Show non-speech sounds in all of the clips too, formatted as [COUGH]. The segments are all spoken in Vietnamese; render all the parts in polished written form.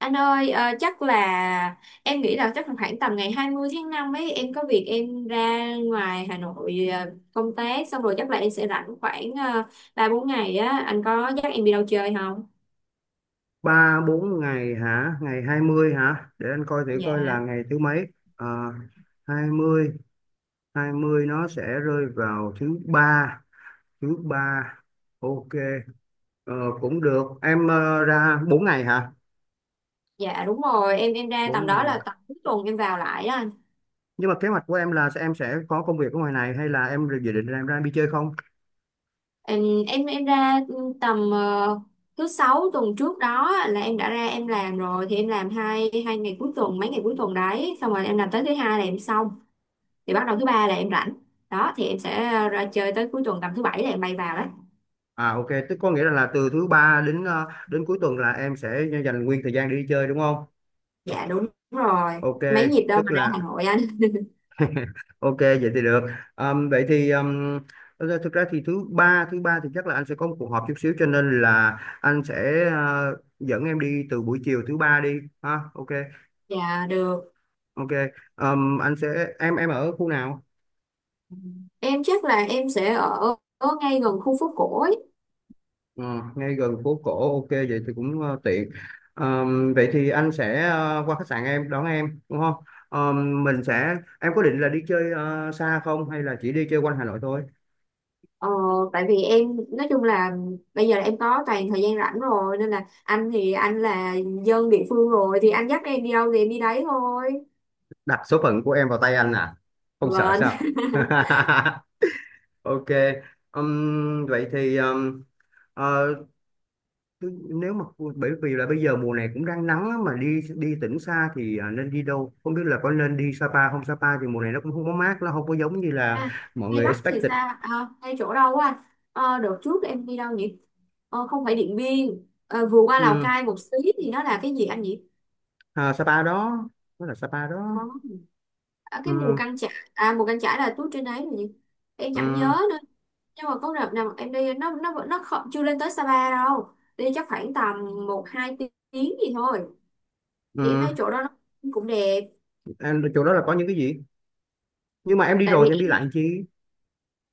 Anh ơi, chắc là khoảng tầm ngày 20 tháng 5 ấy em có việc em ra ngoài Hà Nội, công tác xong rồi chắc là em sẽ rảnh khoảng 3-4 ngày á, anh có dắt em đi đâu chơi không? Ba bốn ngày hả? Ngày 20 hả? Để anh coi thử coi Dạ, là ngày thứ mấy. à, Hai mươi, hai mươi nó sẽ rơi vào thứ ba. Thứ ba, ok. ờ, Cũng được. Em ra 4 ngày hả? dạ đúng rồi, em ra Bốn tầm đó ngày. là tầm cuối tuần em vào lại đó anh. Nhưng mà kế hoạch của em là em sẽ có công việc ở ngoài này, hay là em dự định là em ra em đi chơi không? Em ra tầm thứ sáu tuần trước đó là em đã ra em làm rồi, thì em làm hai hai ngày cuối tuần, mấy ngày cuối tuần đấy xong rồi em làm tới thứ hai là em xong, thì bắt đầu thứ ba là em rảnh đó, thì em sẽ ra chơi tới cuối tuần tầm thứ bảy là em bay vào đấy. À, ok, tức có nghĩa là từ thứ ba đến đến cuối tuần là em sẽ dành nguyên thời gian để đi chơi đúng không? Dạ đúng rồi, Ok, mấy nhịp đâu tức mà ra Hà là Nội anh. ok vậy thì được. Vậy thì thực ra thì thứ ba, thứ ba thì chắc là anh sẽ có một cuộc họp chút xíu, cho nên là anh sẽ dẫn em đi từ buổi chiều thứ ba đi ha. Ok. Dạ được, Ok. Anh sẽ em ở khu nào? em chắc là em sẽ ở ngay gần khu phố cổ ấy. Ừ, ngay gần phố cổ, ok vậy thì cũng tiện. Vậy thì anh sẽ qua khách sạn em đón em đúng không? Mình sẽ Em có định là đi chơi xa không, hay là chỉ đi chơi quanh Hà Nội thôi? ờ, Tại vì em nói chung là bây giờ là em có toàn thời gian rảnh rồi nên là anh thì anh là dân địa phương rồi thì anh dắt em đi đâu thì em đi đấy thôi. Đặt số phận của em vào tay anh à? Không sợ Vâng. sao? [LAUGHS] [LAUGHS] Ok. Vậy thì ờ, nếu mà bởi vì là bây giờ mùa này cũng đang nắng á, mà đi đi tỉnh xa thì nên đi đâu? Không biết là có nên đi Sapa không? Sapa thì mùa này nó cũng không có mát, nó không có giống như là À, mọi hay người Bắc thì expected. sao? À, hay chỗ đâu á anh? Đợt trước em đi đâu nhỉ? Không phải Điện Biên. Ờ, Vừa qua Lào Um, Cai một xí thì nó là cái gì anh nhỉ? Sapa đó, đó là Sapa đó. Ờ, Ở cái Mù Um. Căng Chải? À, Mù Căng Chải là tuốt trên đấy rồi nhỉ, em chẳng nhớ Um. nữa. Nhưng mà có đợt nào em đi, nó không, chưa lên tới Sapa đâu. Đi chắc khoảng tầm 1-2 tiếng gì thôi, thì em thấy Um. chỗ đó nó cũng đẹp. Em chỗ đó là có những cái gì? Nhưng mà em đi Tại rồi vì thì em đi lại làm chi?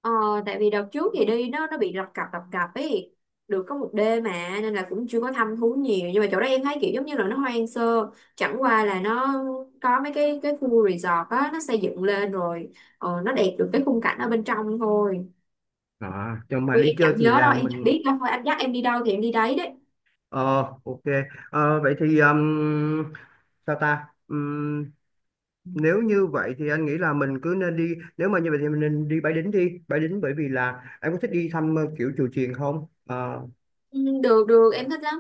Ờ, đợt trước thì đi nó bị lập cập ấy, được có một đêm mà nên là cũng chưa có thăm thú nhiều. Nhưng mà chỗ đó em thấy kiểu giống như là nó hoang sơ, chẳng qua là nó có mấy cái khu resort á nó xây dựng lên rồi, nó đẹp được cái khung cảnh ở bên trong thôi. À, cho mà Ui, đi em chơi chẳng thì nhớ là đâu, em chẳng mình, biết đâu, thôi anh dắt em đi đâu thì em đi đấy đấy. ờ, ok. Vậy thì sao ta? Nếu như vậy thì anh nghĩ là mình cứ nên đi, nếu mà như vậy thì mình nên đi Bái Đính. Đi Bái Đính bởi vì là em có thích đi thăm kiểu chùa chiền không? Ờ, Ừ, được được em thích lắm.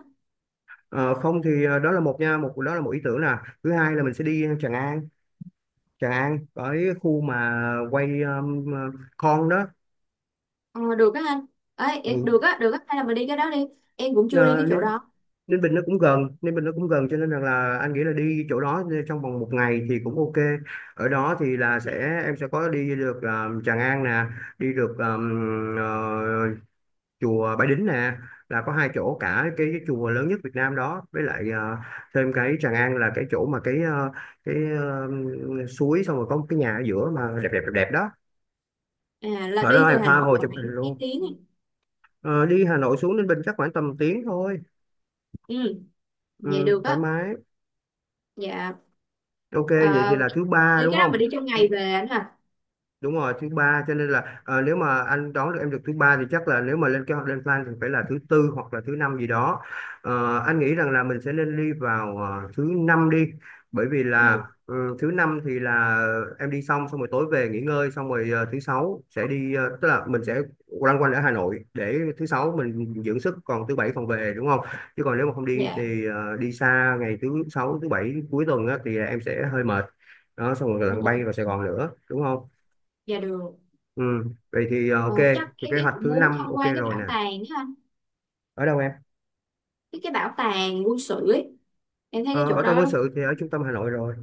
ờ, Không thì đó là một ý tưởng nè. Thứ hai là mình sẽ đi Tràng An. Tràng An ở cái khu mà quay con đó. Ờ, Được á anh. Ừ. Được á được á, hay là mình đi cái đó đi. Em cũng chưa đi Ờ, cái chỗ Ninh, đó. Ninh Bình nó cũng gần, Ninh Bình nó cũng gần, cho nên rằng là anh nghĩ là đi chỗ đó trong vòng một ngày thì cũng ok. Ở đó thì là em sẽ có đi được Tràng An nè, đi được chùa Bái Đính nè. Là có hai chỗ, cả cái chùa lớn nhất Việt Nam đó, với lại thêm cái Tràng An là cái chỗ mà cái suối, xong rồi có một cái nhà ở giữa mà đẹp đẹp đẹp đẹp đó. À, là Ở đi đó từ em Hà tha Nội hồ khoảng chụp hình mấy luôn. tiếng à? Ờ, Đi Hà Nội xuống Ninh Bình chắc khoảng tầm tiếng thôi. Ừ, vậy Ừ, được thoải á. mái. Dạ. Ok, vậy thì Ờ, Vậy là thứ ba thì đúng cái đó mình không? đi trong ngày về anh hả? Đúng rồi, thứ ba cho nên là nếu mà anh đón được em được thứ ba thì chắc là nếu mà lên kế hoạch lên plan thì phải là thứ tư hoặc là thứ năm gì đó. Anh nghĩ rằng là mình sẽ nên đi vào thứ năm đi, bởi vì là Ừ. Thứ năm thì là em đi xong, xong rồi tối về nghỉ ngơi, xong rồi thứ sáu sẽ đi, tức là mình sẽ loanh quanh ở Hà Nội để thứ sáu mình dưỡng sức, còn thứ bảy còn về đúng không? Chứ còn nếu mà không đi Dạ. thì đi xa ngày thứ sáu thứ bảy cuối tuần á, thì em sẽ hơi mệt. Đó, xong rồi Ừ. lần Ừ. bay vào Sài Gòn nữa đúng không? Dạ được. Ừ, vậy thì ok, Ờ, Chắc thì em, kế em hoạch cũng thứ muốn năm tham ok quan cái rồi nè. bảo tàng đó anh, Ở đâu em? cái bảo tàng quân sự ấy, em thấy cái Ờ, chỗ Bảo tàng đó quân đúng. sự thì ở trung tâm Hà Nội rồi.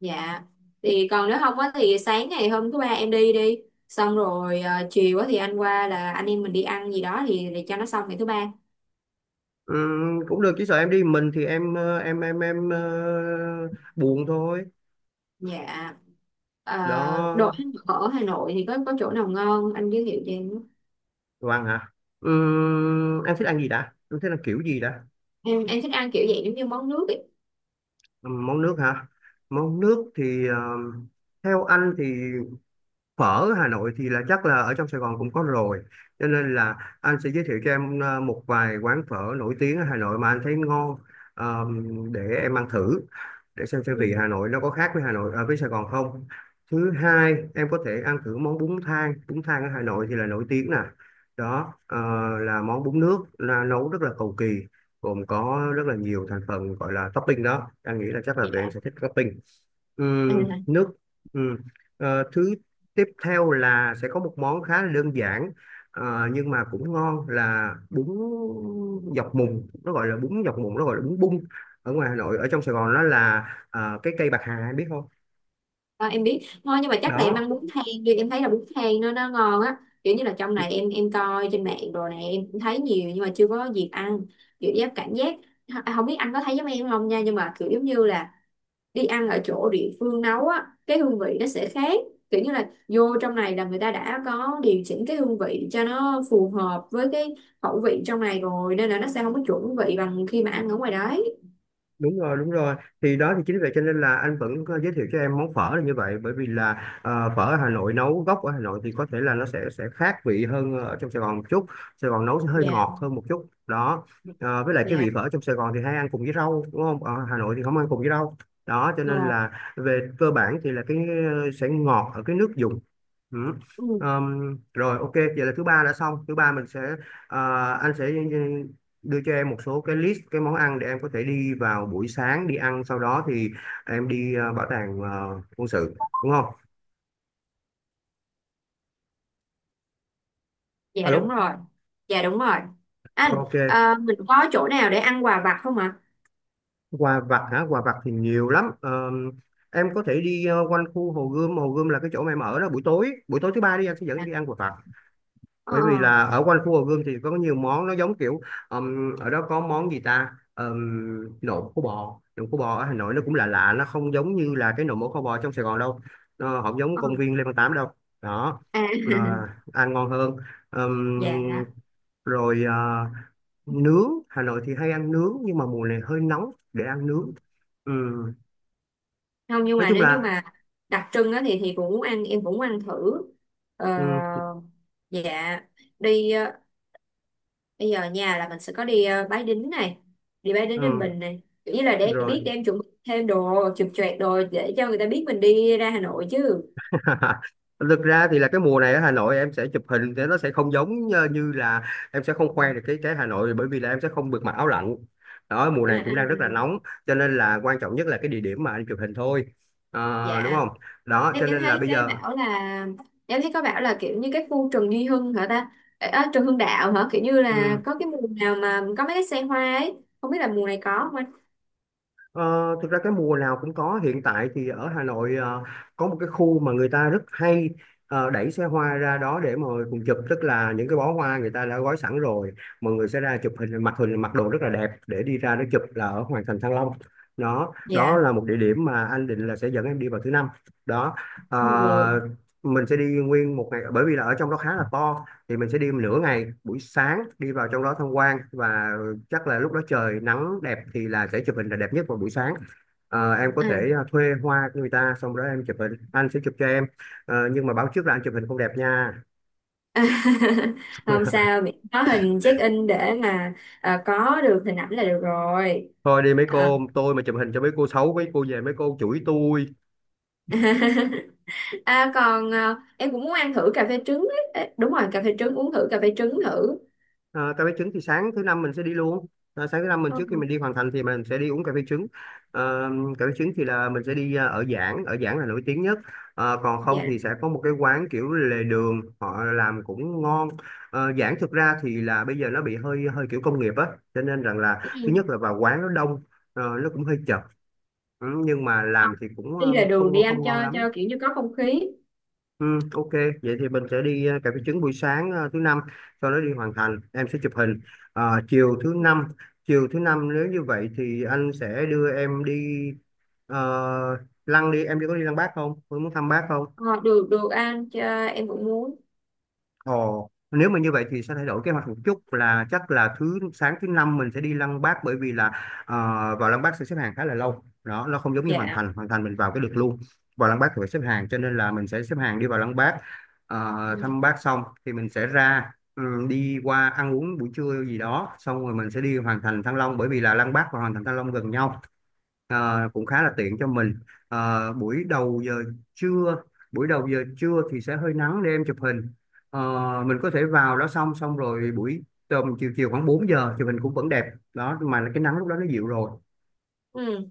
Dạ. Thì còn nếu không á thì sáng ngày hôm thứ ba em đi đi xong rồi, chiều á thì anh qua là anh em mình đi ăn gì đó thì để cho nó xong ngày thứ ba. Ừ, cũng được, chỉ sợ em đi mình thì em buồn thôi. Dạ. Ờ, Đồ Đó, ăn ở Hà Nội thì có chỗ nào ngon anh giới thiệu cho em không? đồ ăn hả? Ừ, em thích ăn gì đã? Em thích ăn kiểu gì đã? Em thích ăn kiểu vậy giống như món nước ấy. Ừ, món nước hả? Món nước thì theo anh thì phở Hà Nội thì là chắc là ở trong Sài Gòn cũng có rồi, cho nên là anh sẽ giới thiệu cho em một vài quán phở nổi tiếng ở Hà Nội mà anh thấy ngon. Để em ăn thử, để xem vị Ừ. Hà Nội nó có khác với Hà Nội ở với Sài Gòn không. Thứ hai, em có thể ăn thử món bún thang. Bún thang ở Hà Nội thì là nổi tiếng nè. Đó là món bún nước, là nấu rất là cầu kỳ, gồm có rất là nhiều thành phần gọi là topping. Đó anh nghĩ là chắc là tụi em Dạ. sẽ thích topping. À, nước. Ừm. Thứ tiếp theo là sẽ có một món khá là đơn giản, nhưng mà cũng ngon, là bún dọc mùng. Nó gọi là bún dọc mùng, nó gọi là bún bung. Ở ngoài Hà Nội, ở trong Sài Gòn nó là cái cây bạc hà biết không. à, em biết ngon, nhưng mà chắc là em ăn Đó, bún thang đi, em thấy là bún thang nó ngon á. Kiểu như là trong này em coi trên mạng đồ này em cũng thấy nhiều nhưng mà chưa có dịp ăn. Kiểu cảm giác. À, không biết anh có thấy giống em không nha, nhưng mà kiểu giống như là đi ăn ở chỗ địa phương nấu á cái hương vị nó sẽ khác. Kiểu như là vô trong này là người ta đã có điều chỉnh cái hương vị cho nó phù hợp với cái khẩu vị trong này rồi nên là nó sẽ không có chuẩn vị bằng khi mà ăn ở ngoài đấy. đúng rồi, đúng rồi. Thì đó thì chính vì vậy cho nên là anh vẫn có giới thiệu cho em món phở là như vậy, bởi vì là phở ở Hà Nội, nấu gốc ở Hà Nội, thì có thể là nó sẽ khác vị hơn ở trong Sài Gòn một chút. Sài Gòn nấu sẽ hơi Dạ. ngọt hơn một chút đó. Với lại cái Dạ vị phở trong Sài Gòn thì hay ăn cùng với rau đúng không? Ở Hà Nội thì không ăn cùng với rau. Đó cho nên ngon. là về cơ bản thì là cái sẽ ngọt ở cái nước dùng. Ừ. Rồi, ok vậy là thứ ba đã xong. Thứ ba mình sẽ ờ, anh sẽ đưa cho em một số cái list cái món ăn để em có thể đi vào buổi sáng đi ăn, sau đó thì em đi bảo tàng quân sự đúng không? Dạ đúng Alo. rồi. Dạ đúng rồi anh. Ok, Ờ, mình có chỗ nào để ăn quà vặt không ạ? quà vặt hả? Quà vặt thì nhiều lắm. Em có thể đi quanh khu Hồ Gươm. Hồ Gươm là cái chỗ mà em ở đó. Buổi tối, buổi tối thứ ba đi, anh sẽ dẫn em À? đi ăn quà vặt, Ờ. bởi vì là ở quanh khu Hồ Gươm thì có nhiều món nó giống kiểu ở đó có món gì ta? Nộm khô bò. Nộm khô bò ở Hà Nội nó cũng lạ lạ, nó không giống như là cái nộm mổ kho bò trong Sài Gòn đâu. Nó không giống Ờ. công viên Lê Văn Tám đâu. Đó. À. Ờ, [LAUGHS] Ăn ngon hơn. Ừm. Dạ Rồi nướng Hà Nội thì hay ăn nướng, nhưng mà mùa này hơi nóng để ăn nướng. Ừm, không, nhưng nói mà chung nếu như là mà đặc trưng á thì cũng muốn ăn em cũng muốn ăn thử. ờ, ừm, dạ. Đi, bây giờ nhà là mình sẽ có đi, Bái Đính này, đi Bái Đính Ninh ừm, Bình này, kiểu như là để em rồi. biết để em chuẩn bị thêm đồ chụp choẹt đồ để cho người ta biết mình đi ra Hà Nội chứ. [LAUGHS] Thực ra thì là cái mùa này ở Hà Nội em sẽ chụp hình thì nó sẽ không giống như như là em sẽ không khoe được cái Hà Nội, bởi vì là em sẽ không được mặc áo lạnh. Đó, mùa À, này à, cũng đang rất là nóng, cho nên là quan trọng nhất là cái địa điểm mà anh chụp hình thôi. Đúng dạ. không? Đó cho em em nên là thấy bây cái giờ. bảo là em thấy có bảo là kiểu như cái khu Trần Duy Hưng hả ta? À, Trần Hưng Đạo hả, kiểu như là ừ, có cái mùa nào mà có mấy cái xe hoa ấy, không biết là mùa này có không anh? Ờ, Thực ra cái mùa nào cũng có, hiện tại thì ở Hà Nội có một cái khu mà người ta rất hay đẩy xe hoa ra đó để mà cùng chụp, tức là những cái bó hoa người ta đã gói sẵn rồi. Mọi người sẽ ra chụp hình, mặc đồ rất là đẹp, để đi ra đó chụp là ở Hoàng thành Thăng Long. Đó, đó Dạ. là một địa điểm mà anh định là sẽ dẫn em đi vào thứ năm đó. Ừ. Ờ, mình sẽ đi nguyên một ngày, bởi vì là ở trong đó khá là to, thì mình sẽ đi nửa ngày buổi sáng, đi vào trong đó tham quan, và chắc là lúc đó trời nắng đẹp thì là sẽ chụp hình là đẹp nhất vào buổi sáng. Em có thể À. Thuê hoa người ta, xong đó em chụp hình, anh sẽ chụp cho em. Nhưng mà báo trước là anh chụp hình không đẹp nha. [LAUGHS] Không [LAUGHS] sao, miễn có hình check in để mà có được hình ảnh là được rồi. Thôi đi mấy Ờ. cô, tôi mà chụp hình cho mấy cô xấu, mấy cô về mấy cô chửi tôi. [LAUGHS] À còn em cũng muốn ăn thử cà phê trứng ấy. Ê, đúng rồi, cà phê trứng, uống thử cà phê trứng thử. Ờ, Cà phê trứng thì sáng thứ năm mình sẽ đi luôn. Sáng thứ năm mình, trước khi Ừ. mình đi hoàn thành thì mình sẽ đi uống cà phê trứng. Ờ, Cà phê trứng thì là mình sẽ đi ở Giảng. Ở Giảng là nổi tiếng nhất. Còn không Dạ thì sẽ có một cái quán kiểu lề đường họ làm cũng ngon. Giảng thực ra thì là bây giờ nó bị hơi hơi kiểu công nghiệp á, cho nên rằng là thứ nhất là vào quán nó đông, nó cũng hơi chật. Ừ, nhưng mà không. làm thì cũng Đi là đường đi không anh không ngon cho, lắm. Kiểu như có không khí. Ừ, ok, vậy thì mình sẽ đi cà phê trứng buổi sáng thứ năm, sau đó đi hoàn thành, em sẽ chụp hình. Ờ, chiều thứ năm nếu như vậy thì anh sẽ đưa em đi ờ, lăng đi, em đi có đi lăng Bác không? Em muốn thăm Bác không? Ờ, được được anh cho, em cũng muốn. Ồ, nếu mà như vậy thì sẽ thay đổi kế hoạch một chút là chắc là thứ sáng thứ năm mình sẽ đi Lăng Bác, bởi vì là ờ, vào Lăng Bác sẽ xếp hàng khá là lâu đó, nó không giống như Hoàng Dạ. Thành. Hoàng Thành mình vào cái được luôn, vào Lăng Bác thì phải xếp hàng, cho nên là mình sẽ xếp hàng đi vào Lăng Bác. Ờ, Ừ. thăm Bác xong thì mình sẽ ra, ừ, đi qua ăn uống buổi trưa gì đó, xong rồi mình sẽ đi Hoàng Thành Thăng Long, bởi vì là Lăng Bác và Hoàng Thành Thăng Long gần nhau. Ờ, cũng khá là tiện cho mình. Ờ, buổi đầu giờ trưa Buổi đầu giờ trưa thì sẽ hơi nắng để em chụp hình. Ờ, mình có thể vào đó, xong xong rồi buổi tầm chiều chiều khoảng 4 giờ chụp hình cũng vẫn đẹp đó, mà cái nắng lúc đó nó dịu rồi, Ừ.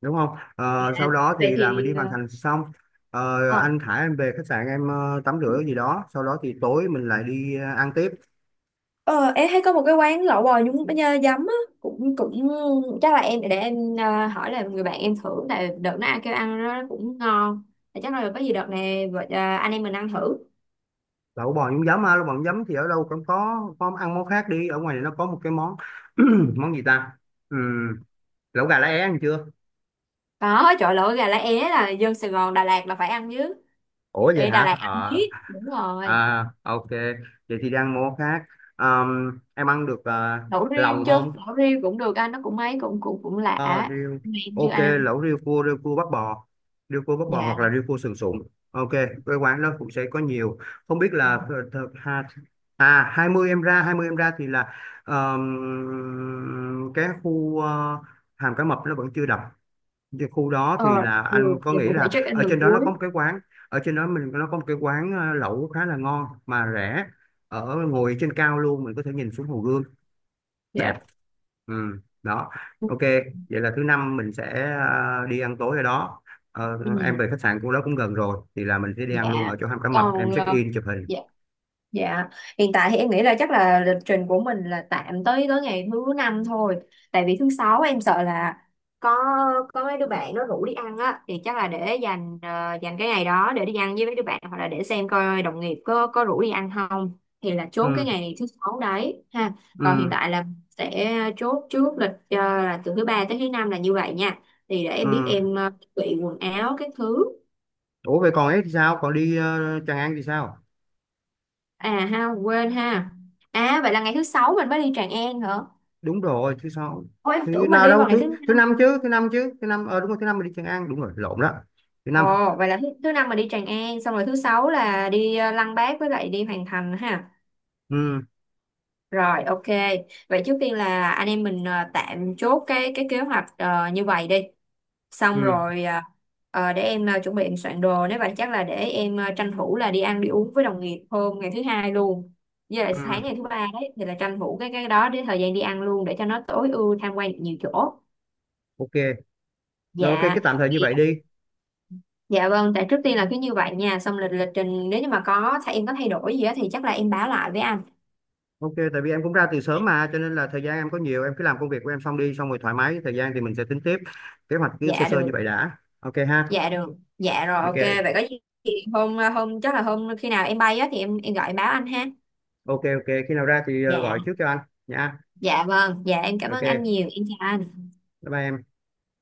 đúng không? Dạ. Ờ, sau đó Vậy thì là mình đi thì hoàn thành xong. Ờ, ờ anh thả em về khách sạn, em tắm rửa gì đó, sau đó thì tối mình lại đi ăn tiếp. Ờ, em thấy có một cái quán lẩu bò nhúng nhá, giấm á, cũng cũng chắc là em để em hỏi là người bạn em thử, tại đợt nó ai kêu ăn nó cũng ngon. Thì chắc là có gì đợt này anh em mình ăn thử. Lẩu bò nhúng giấm á, lẩu bò nhúng giấm thì ở đâu cũng có ăn món khác đi, ở ngoài này nó có một cái món, [CLEARS THROAT] món gì ta. Ừ, lẩu gà lá é ăn chưa? Có chỗ lẩu gà lá é là dân Sài Gòn Đà Lạt là phải ăn chứ, Ủa vậy đi Đà Lạt hả? ăn Ờ biết đúng rồi. À, ok, vậy thì đang món khác. Em ăn được Lẩu riêu lòng chưa? không? Lẩu riêu cũng được anh, nó cũng mấy cũng cũng cũng lạ. Ờ Riêu. Em chưa Ok, ăn. lẩu riêu cua, riêu cua bắp bò, riêu cua bắp bò hoặc là Dạ. riêu cua sườn sụn. Ok, cái quán đó cũng sẽ có nhiều. Không biết là ha, à, 20 em ra, 20 em ra thì là ờm, cái khu hàm cá mập nó vẫn chưa đập. Cái khu đó Ờ, thì là được. anh có Dạ nghĩ cũng phải check là in ở lần trên đó nó cuối. có một cái quán, ở trên đó mình nó có một cái quán lẩu khá là ngon mà rẻ, ở ngồi trên cao luôn, mình có thể nhìn xuống Hồ Gươm đẹp. Dạ. Ừ, đó. Ok, vậy là thứ năm mình sẽ đi ăn tối ở đó. Ờ, Ừ, em về khách sạn của đó cũng gần rồi thì là mình sẽ đi ăn luôn dạ. ở chỗ Hàm Cá Mập, em Còn, check in chụp hình. dạ. Dạ, hiện tại thì em nghĩ là chắc là lịch trình của mình là tạm tới tới ngày thứ năm thôi. Tại vì thứ sáu em sợ là có có mấy đứa bạn nó rủ đi ăn á thì chắc là để dành, dành cái ngày đó để đi ăn với mấy đứa bạn, hoặc là để xem coi đồng nghiệp có rủ đi ăn không, thì là chốt cái Ừ. ngày thứ sáu đấy ha. Ừ. Còn hiện tại là sẽ chốt trước lịch, là từ thứ ba tới thứ năm là như vậy nha. Thì để Ừ. em biết em chuẩn bị quần áo các thứ. Ủa vậy còn ấy thì sao, còn đi Tràng An thì sao? À ha, quên ha. À vậy là ngày thứ sáu mình mới đi Tràng An hả? Đúng rồi, thứ sáu. Ôi em Thứ tưởng mình nào đi đâu, vào ngày thứ thứ thứ năm. năm chứ, thứ năm chứ, thứ năm, đúng rồi, thứ năm mình đi Tràng An, đúng rồi, lộn đó. Thứ năm. Ồ, vậy là thứ năm mình đi Tràng An, xong rồi thứ sáu là đi Lăng Bác với lại đi Hoàng Thành ha. Ừ. Rồi, ok. Vậy trước tiên là anh em mình tạm chốt cái kế hoạch như vậy đi. Xong Ừ. rồi để em chuẩn bị em soạn đồ, nếu vậy chắc là để em tranh thủ là đi ăn đi uống với đồng nghiệp hôm ngày thứ hai luôn. Với lại sáng Ừ. ngày thứ ba đấy thì là tranh thủ cái đó để thời gian đi ăn luôn để cho nó tối ưu tham quan được nhiều chỗ. Ok. Rồi, ok, cái Dạ. tạm thời như vậy đi. Dạ vâng, tại trước tiên là cứ như vậy nha, xong lịch lịch trình nếu như mà có thay em có thay đổi gì á thì chắc là em báo lại với anh. Ok, tại vì em cũng ra từ sớm mà, cho nên là thời gian em có nhiều, em cứ làm công việc của em xong đi, xong rồi thoải mái thời gian thì mình sẽ tính tiếp. Kế hoạch cứ sơ Dạ sơ như được, vậy đã, ok ha. dạ được, dạ rồi ok, Ok. vậy có gì thì hôm hôm chắc là hôm khi nào em bay á thì em gọi em báo anh ha. Ok, ok khi nào ra thì Dạ, gọi trước cho anh nha. dạ vâng, dạ em cảm ơn anh Ok, nhiều, em chào anh. bye bye em.